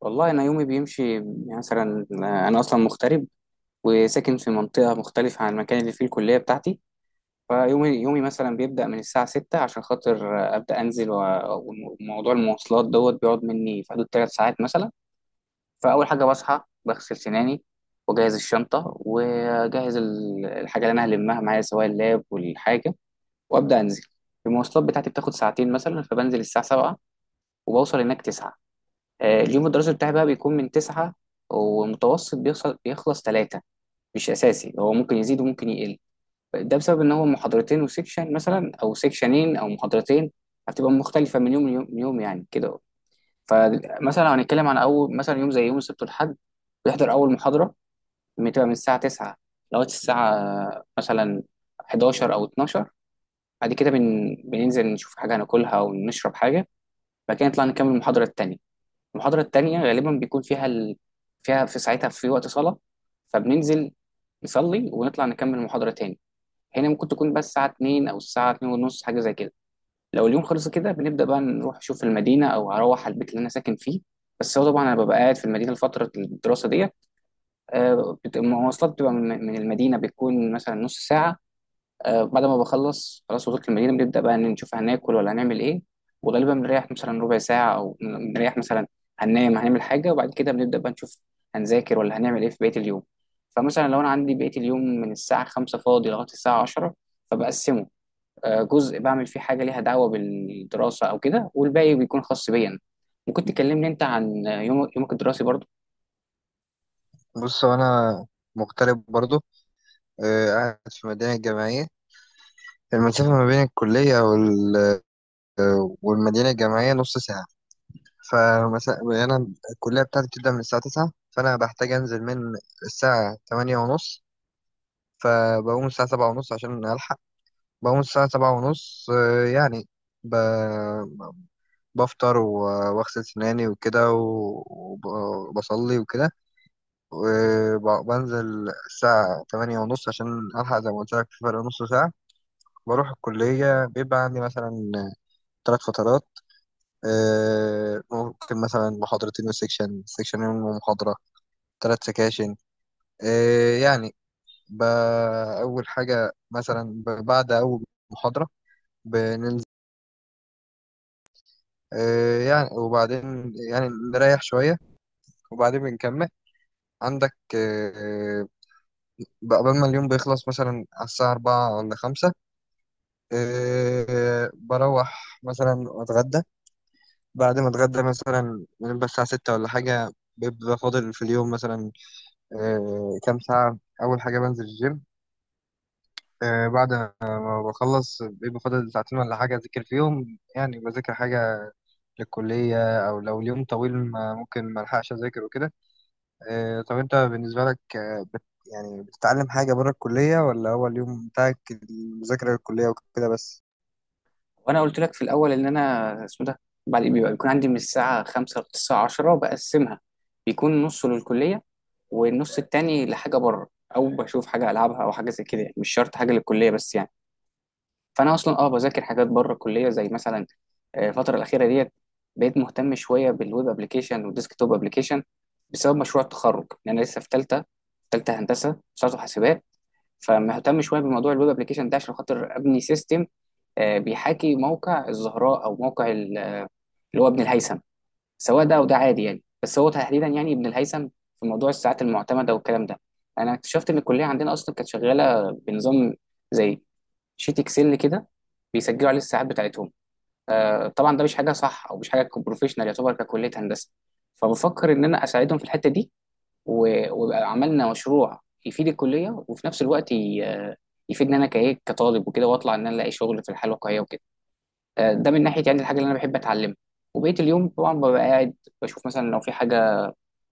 والله، أنا يومي بيمشي يعني مثلا، أنا أصلا مغترب وساكن في منطقة مختلفة عن المكان اللي فيه الكلية بتاعتي. فيومي مثلا بيبدأ من الساعة 6 عشان خاطر، أبدأ أنزل وموضوع المواصلات دوت بيقعد مني في حدود 3 ساعات مثلا. فأول حاجة بصحى بغسل سناني، وأجهز الشنطة، وأجهز الحاجة اللي أنا هلمها معايا سواء اللاب والحاجة، وأبدأ أنزل. المواصلات بتاعتي بتاخد ساعتين مثلا، فبنزل الساعة 7 وبوصل هناك 9. اليوم الدراسي بتاعي بقى بيكون من 9، ومتوسط بيخلص ثلاثة. مش أساسي، هو ممكن يزيد وممكن يقل. ده بسبب إن هو محاضرتين وسيكشن مثلا، أو سيكشنين أو محاضرتين هتبقى مختلفة من يوم ليوم يعني كده. فمثلا لو هنتكلم عن أول مثلا يوم، زي يوم السبت والحد، بيحضر أول محاضرة بتبقى من الساعة 9 لغاية الساعة مثلا 11 أو 12. بعد كده، بننزل نشوف حاجة هناكلها ونشرب حاجة. بعد كده نطلع نكمل المحاضرة التانية. المحاضرة التانية غالبا بيكون فيها فيها في ساعتها في وقت صلاة، فبننزل نصلي ونطلع نكمل المحاضرة تاني. هنا ممكن تكون بس الساعة 2، أو الساعة 2 ونص، حاجة زي كده. لو اليوم خلص كده، بنبدأ بقى نروح نشوف المدينة، أو هروح على البيت اللي أنا ساكن فيه. بس هو طبعا أنا ببقى قاعد في المدينة لفترة الدراسة ديت. المواصلات بتبقى من المدينة، بتكون مثلا نص ساعة. بعد ما بخلص، خلاص وصلت المدينة، بنبدأ بقى إن نشوف هناكل ولا هنعمل إيه. وغالبا بنريح مثلا ربع ساعة، أو بنريح مثلا، هننام، هنعمل حاجة، وبعد كده بنبدأ بقى نشوف هنذاكر ولا هنعمل إيه في بقية اليوم. فمثلا لو أنا عندي بقية اليوم من الساعة 5 فاضي لغاية الساعة 10، فبقسمه. جزء بعمل فيه حاجة ليها دعوة بالدراسة أو كده، والباقي بيكون خاص بيا أنا. ممكن تكلمني أنت عن يومك الدراسي برضه؟ بص هو انا مغترب برضو. قاعد في مدينة جامعية. المسافة ما بين الكلية والمدينة الجامعية نص ساعة. فمثلا أنا الكلية بتاعتي بتبدأ من الساعة 9، فأنا بحتاج أنزل من الساعة 8:30. فبقوم الساعة 7:30 عشان ألحق. بقوم الساعة 7:30، يعني ب... بفطر وأغسل سناني وكده، وبصلي وكده. وبنزل الساعة 8:30 عشان ألحق، زي ما قلت لك في فرق نص ساعة. بروح الكلية بيبقى عندي مثلا 3 فترات. ممكن مثلا محاضرتين وسيكشن سيكشنين ومحاضرة، 3 سكاشن. يعني ب- أول حاجة مثلا بعد أول محاضرة بننزل. يعني وبعدين يعني نريح شوية، وبعدين بنكمل عندك. بقى قبل ما اليوم بيخلص مثلا على الساعة 4 ولا 5، إيه، بروح مثلا اتغدى. بعد ما اتغدى مثلا بنبقى الساعة 6 ولا حاجة، بيبقى فاضل في اليوم مثلا إيه كام ساعة. أول حاجة بنزل الجيم. إيه، بعد ما بخلص بيبقى فاضل ساعتين ولا حاجة أذاكر فيهم، يعني بذاكر حاجة للكلية، أو لو اليوم طويل ما ممكن ما ألحقش أذاكر وكده. إيه، طب أنت بالنسبة لك، آه، بت يعني بتتعلم حاجة بره الكلية، ولا هو اليوم بتاعك المذاكرة للكلية وكده بس؟ وانا قلت لك في الاول ان انا اسمه ده، بعد بيبقى بيكون عندي من الساعه 5 للساعه 10 بقسمها. بيكون نصه للكليه، والنص التاني لحاجه بره، او بشوف حاجه العبها او حاجه زي كده، يعني مش شرط حاجه للكليه بس يعني. فانا اصلا بذاكر حاجات بره الكليه، زي مثلا، الفتره الاخيره ديت بقيت مهتم شويه بالويب ابلكيشن والديسك توب ابلكيشن، بسبب مشروع التخرج، لان انا لسه في ثالثه. ثالثه هندسه، صارت حاسبات. فمهتم شويه بموضوع الويب ابلكيشن ده عشان خاطر ابني سيستم، بيحاكي موقع الزهراء، او موقع اللي هو ابن الهيثم. سواء ده او ده عادي يعني، بس هو تحديدا يعني ابن الهيثم. في موضوع الساعات المعتمده والكلام ده، انا اكتشفت ان الكليه عندنا اصلا كانت شغاله بنظام زي شيت اكسل كده، بيسجلوا عليه الساعات بتاعتهم. طبعا ده مش حاجه صح، او مش حاجه بروفيشنال يعتبر ككليه هندسه. فبفكر ان انا اساعدهم في الحته دي، ويبقى عملنا مشروع يفيد الكليه، وفي نفس الوقت يفيدني انا كايه كطالب وكده، واطلع ان انا الاقي شغل في الحياه الواقعيه وكده. ده من ناحيه يعني الحاجه اللي انا بحب اتعلمها. وبقيه اليوم طبعا ببقى قاعد بشوف مثلا لو في حاجه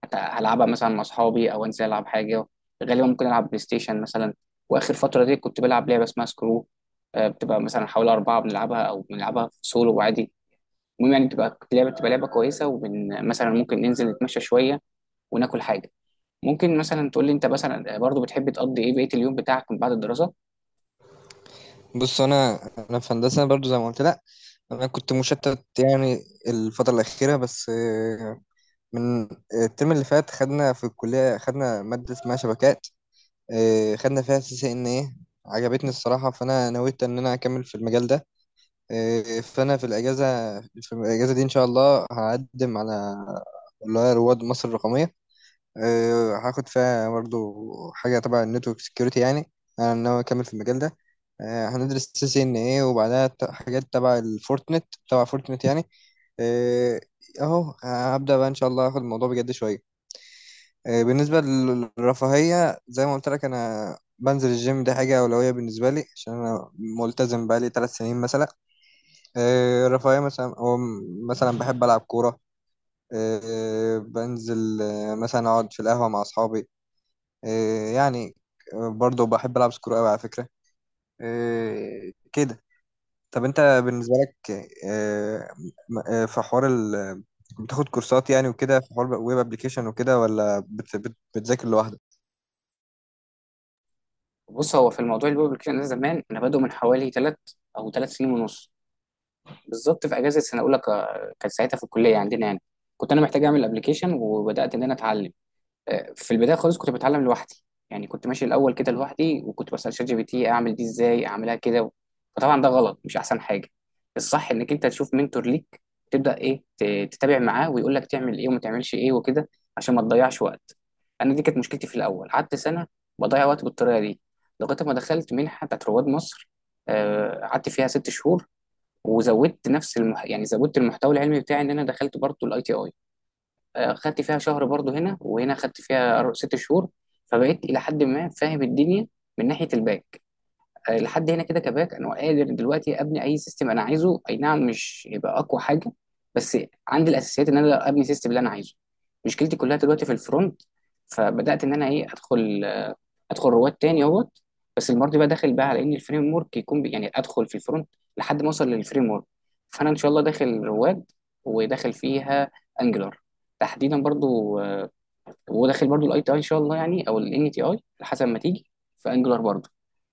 هلعبها مثلا مع اصحابي، او انزل العب حاجه. غالبا ممكن العب بلاي ستيشن مثلا. واخر فتره دي كنت بلعب لعبه اسمها سكرو. بتبقى مثلا حوالي 4 بنلعبها، او بنلعبها في سولو عادي. المهم يعني بتبقى لعبه كويسه، مثلا ممكن ننزل نتمشى شويه وناكل حاجه. ممكن مثلا تقول لي انت مثلا، برضو بتحب تقضي ايه بقيه اليوم بتاعك من بعد الدراسه؟ بص انا انا في هندسه برضو زي ما قلت لك. انا كنت مشتت يعني الفتره الاخيره بس. من الترم اللي فات خدنا في الكليه، خدنا ماده اسمها شبكات. خدنا فيها CCNA. عجبتني الصراحه، فانا نويت ان انا اكمل في المجال ده. فانا في الاجازه دي ان شاء الله هقدم على اللي هي رواد مصر الرقميه. هاخد فيها برضو حاجة تبع النتورك سكيورتي يعني. أنا ناوي أكمل في المجال ده. هندرس CCNA، وبعدها حاجات تبع فورتنت يعني. آه، أهو هبدأ بقى إن شاء الله آخد الموضوع بجد شوية. بالنسبة للرفاهية، زي ما قلت لك أنا بنزل الجيم، دي حاجة أولوية بالنسبة لي عشان أنا ملتزم بقالي 3 سنين مثلا. الرفاهية مثلا، أو مثلا بحب ألعب كورة. بنزل، مثلا أقعد في القهوة مع أصحابي. إيه يعني. برضه بحب ألعب سكرو أوي على فكرة. إيه كده. طب أنت بالنسبة لك إيه؟ في حوار بتاخد كورسات يعني وكده، في حوار ويب ابلكيشن وكده، ولا بت بت بتذاكر لوحدك؟ بص، هو في الموضوع الويب ابلكيشن ده، زمان انا بادئه من حوالي 3 او 3 سنين ونص بالظبط. في اجازه سنه اولى، كانت ساعتها في الكليه عندنا يعني، كنت انا محتاج اعمل ابلكيشن، وبدات ان انا اتعلم. في البدايه خالص كنت بتعلم لوحدي. يعني كنت ماشي الاول كده لوحدي، وكنت بسال شات جي بي تي اعمل دي ازاي، اعملها كده. فطبعا ده غلط، مش احسن حاجه. الصح انك انت تشوف منتور ليك، تبدا ايه تتابع معاه ويقول لك تعمل ايه وما تعملش ايه وكده، عشان ما تضيعش وقت. انا دي كانت مشكلتي في الاول، قعدت سنه بضيع وقت بالطريقه دي، لغايه ما دخلت منحه بتاعت رواد مصر. قعدت فيها 6 شهور، وزودت نفس يعني زودت المحتوى العلمي بتاعي. ان انا دخلت برضو الاي تي اي، خدت فيها شهر برضو. هنا وهنا خدت فيها 6 شهور. فبقيت الى حد ما فاهم الدنيا من ناحيه الباك. لحد هنا كده، كباك انا قادر دلوقتي ابني اي سيستم انا عايزه، اي نعم مش يبقى اقوى حاجه، بس عندي الاساسيات ان انا ابني سيستم اللي انا عايزه. مشكلتي كلها دلوقتي في الفرونت. فبدات ان انا ايه ادخل رواد تاني اهوت. بس المره دي بقى داخل بقى على ان الفريم ورك يكون يعني ادخل في الفرونت لحد ما اوصل للفريم ورك. فانا ان شاء الله داخل رواد، وداخل فيها انجلر تحديدا برضو، وداخل برضو الاي تي اي ان شاء الله يعني، او الان تي اي حسب ما تيجي في انجلر برضو.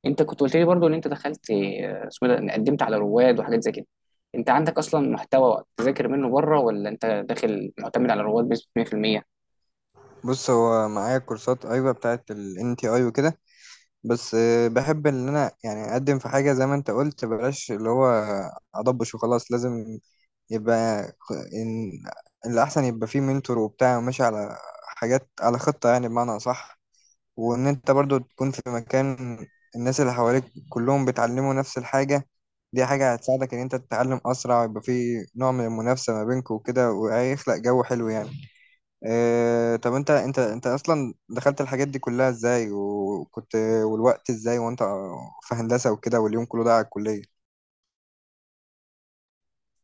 انت كنت قلت لي برضو ان انت دخلت، اسمه ده، إن قدمت على رواد وحاجات زي كده. انت عندك اصلا محتوى تذاكر منه بره، ولا انت داخل معتمد على رواد بنسبه 100%؟ بص هو معايا كورسات، ايوه، بتاعت ال NTI وكده. بس بحب ان انا يعني اقدم في حاجه زي ما انت قلت، بلاش اللي هو اضبش وخلاص. لازم يبقى إن الأحسن يبقى فيه منتور وبتاع، وماشي على حاجات على خطة يعني، بمعنى أصح. وان انت برضو تكون في مكان الناس اللي حواليك كلهم بيتعلموا نفس الحاجة. دي حاجة هتساعدك ان انت تتعلم اسرع، ويبقى في نوع من المنافسة ما بينكم وكده، وهيخلق جو حلو يعني. اه، طب انت اصلا دخلت الحاجات دي كلها ازاي؟ وكنت، والوقت ازاي وانت في هندسة وكده، واليوم كله ده على الكلية.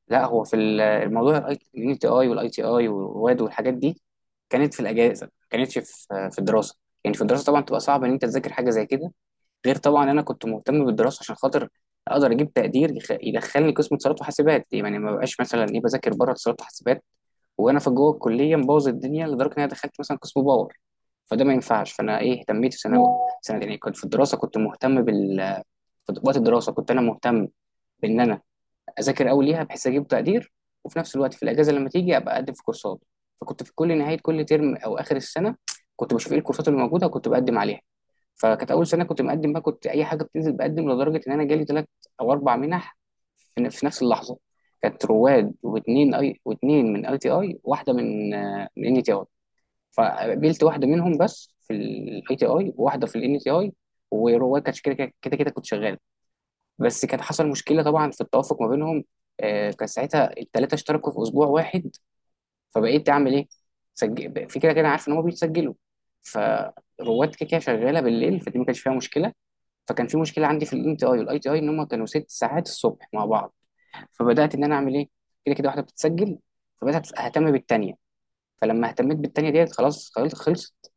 لا، هو في الموضوع، الان تي اي والاي تي اي ورواد والحاجات دي كانت في الاجازه، ما كانتش في الدراسه. يعني في الدراسه طبعا تبقى صعب ان انت تذاكر حاجه زي كده. غير طبعا انا كنت مهتم بالدراسه عشان خاطر اقدر اجيب تقدير يدخلني قسم اتصالات وحاسبات. يعني ما بقاش مثلا ايه بذاكر بره اتصالات وحاسبات، وانا في جوه الكليه مبوظ الدنيا لدرجه ان انا دخلت مثلا قسم باور. فده ما ينفعش، فانا ايه اهتميت في ثانوي سنه يعني، كنت في الدراسه كنت مهتم في وقت الدراسه كنت انا مهتم بان انا اذاكر قوي ليها بحيث اجيب تقدير. وفي نفس الوقت، في الاجازه لما تيجي ابقى اقدم في كورسات. فكنت في كل نهايه كل ترم او اخر السنه، كنت بشوف ايه الكورسات اللي موجوده وكنت بقدم عليها. فكانت اول سنه كنت مقدم بقى، كنت اي حاجه بتنزل بقدم، لدرجه ان انا جالي 3 او 4 منح في نفس اللحظه. كانت رواد، واثنين اي، واثنين من اي تي اي، واحده من ان تي اي. فقبلت واحده منهم بس، في الاي تي اي وواحده في الان تي اي، ورواد كانت كده كده كده كده كنت شغال. بس كان حصل مشكله طبعا في التوافق ما بينهم. كان ساعتها الثلاثه اشتركوا في اسبوع واحد، فبقيت اعمل ايه؟ سجل في، كده كده عارف ان هم بيتسجلوا، فرواد كده كده شغاله بالليل فدي ما كانش فيها مشكله. فكان في مشكله عندي في الان تي اي والاي تي اي ان هم كانوا 6 ساعات الصبح مع بعض، فبدات ان انا اعمل ايه. كده كده واحده بتتسجل، فبدات اهتم بالتانيه. فلما اهتميت بالتانيه ديت خلاص، خلصت.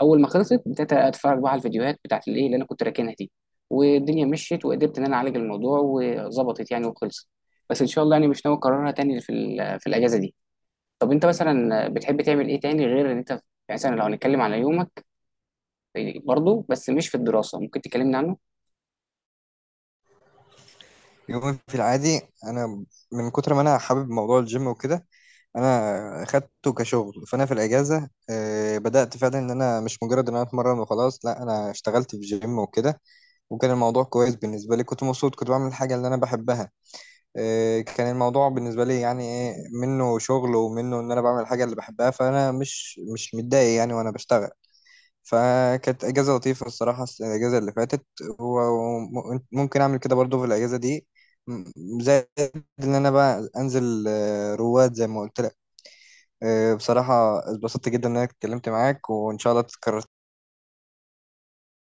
اول ما خلصت بدات اتفرج بقى على الفيديوهات بتاعت الايه اللي انا كنت راكنها دي، والدنيا مشيت وقدرت ان انا اعالج الموضوع وظبطت يعني وخلصت. بس ان شاء الله يعني مش ناوي اكررها تاني في الاجازه دي. طب انت مثلا بتحب تعمل ايه تاني غير ان انت يعني، مثلا لو هنتكلم على يومك برضه بس مش في الدراسه، ممكن تكلمنا عنه؟ يومي في العادي انا، من كتر ما انا حابب موضوع الجيم وكده، انا اخدته كشغل. فانا في الاجازه بدات فعلا ان انا مش مجرد ان انا اتمرن وخلاص، لا انا اشتغلت في جيم وكده. وكان الموضوع كويس بالنسبه لي، كنت مبسوط، كنت بعمل الحاجه اللي انا بحبها. كان الموضوع بالنسبه لي يعني ايه، منه شغل ومنه ان انا بعمل الحاجه اللي بحبها، فانا مش متضايق يعني وانا بشتغل. فكانت اجازه لطيفه الصراحه، الاجازه اللي فاتت. وممكن اعمل كده برضو في الاجازه دي، زائد ان انا بقى انزل رواد زي ما قلت. بصراحة اتبسطت جدا إن أنا اتكلمت معاك، وإن شاء الله تتكرر.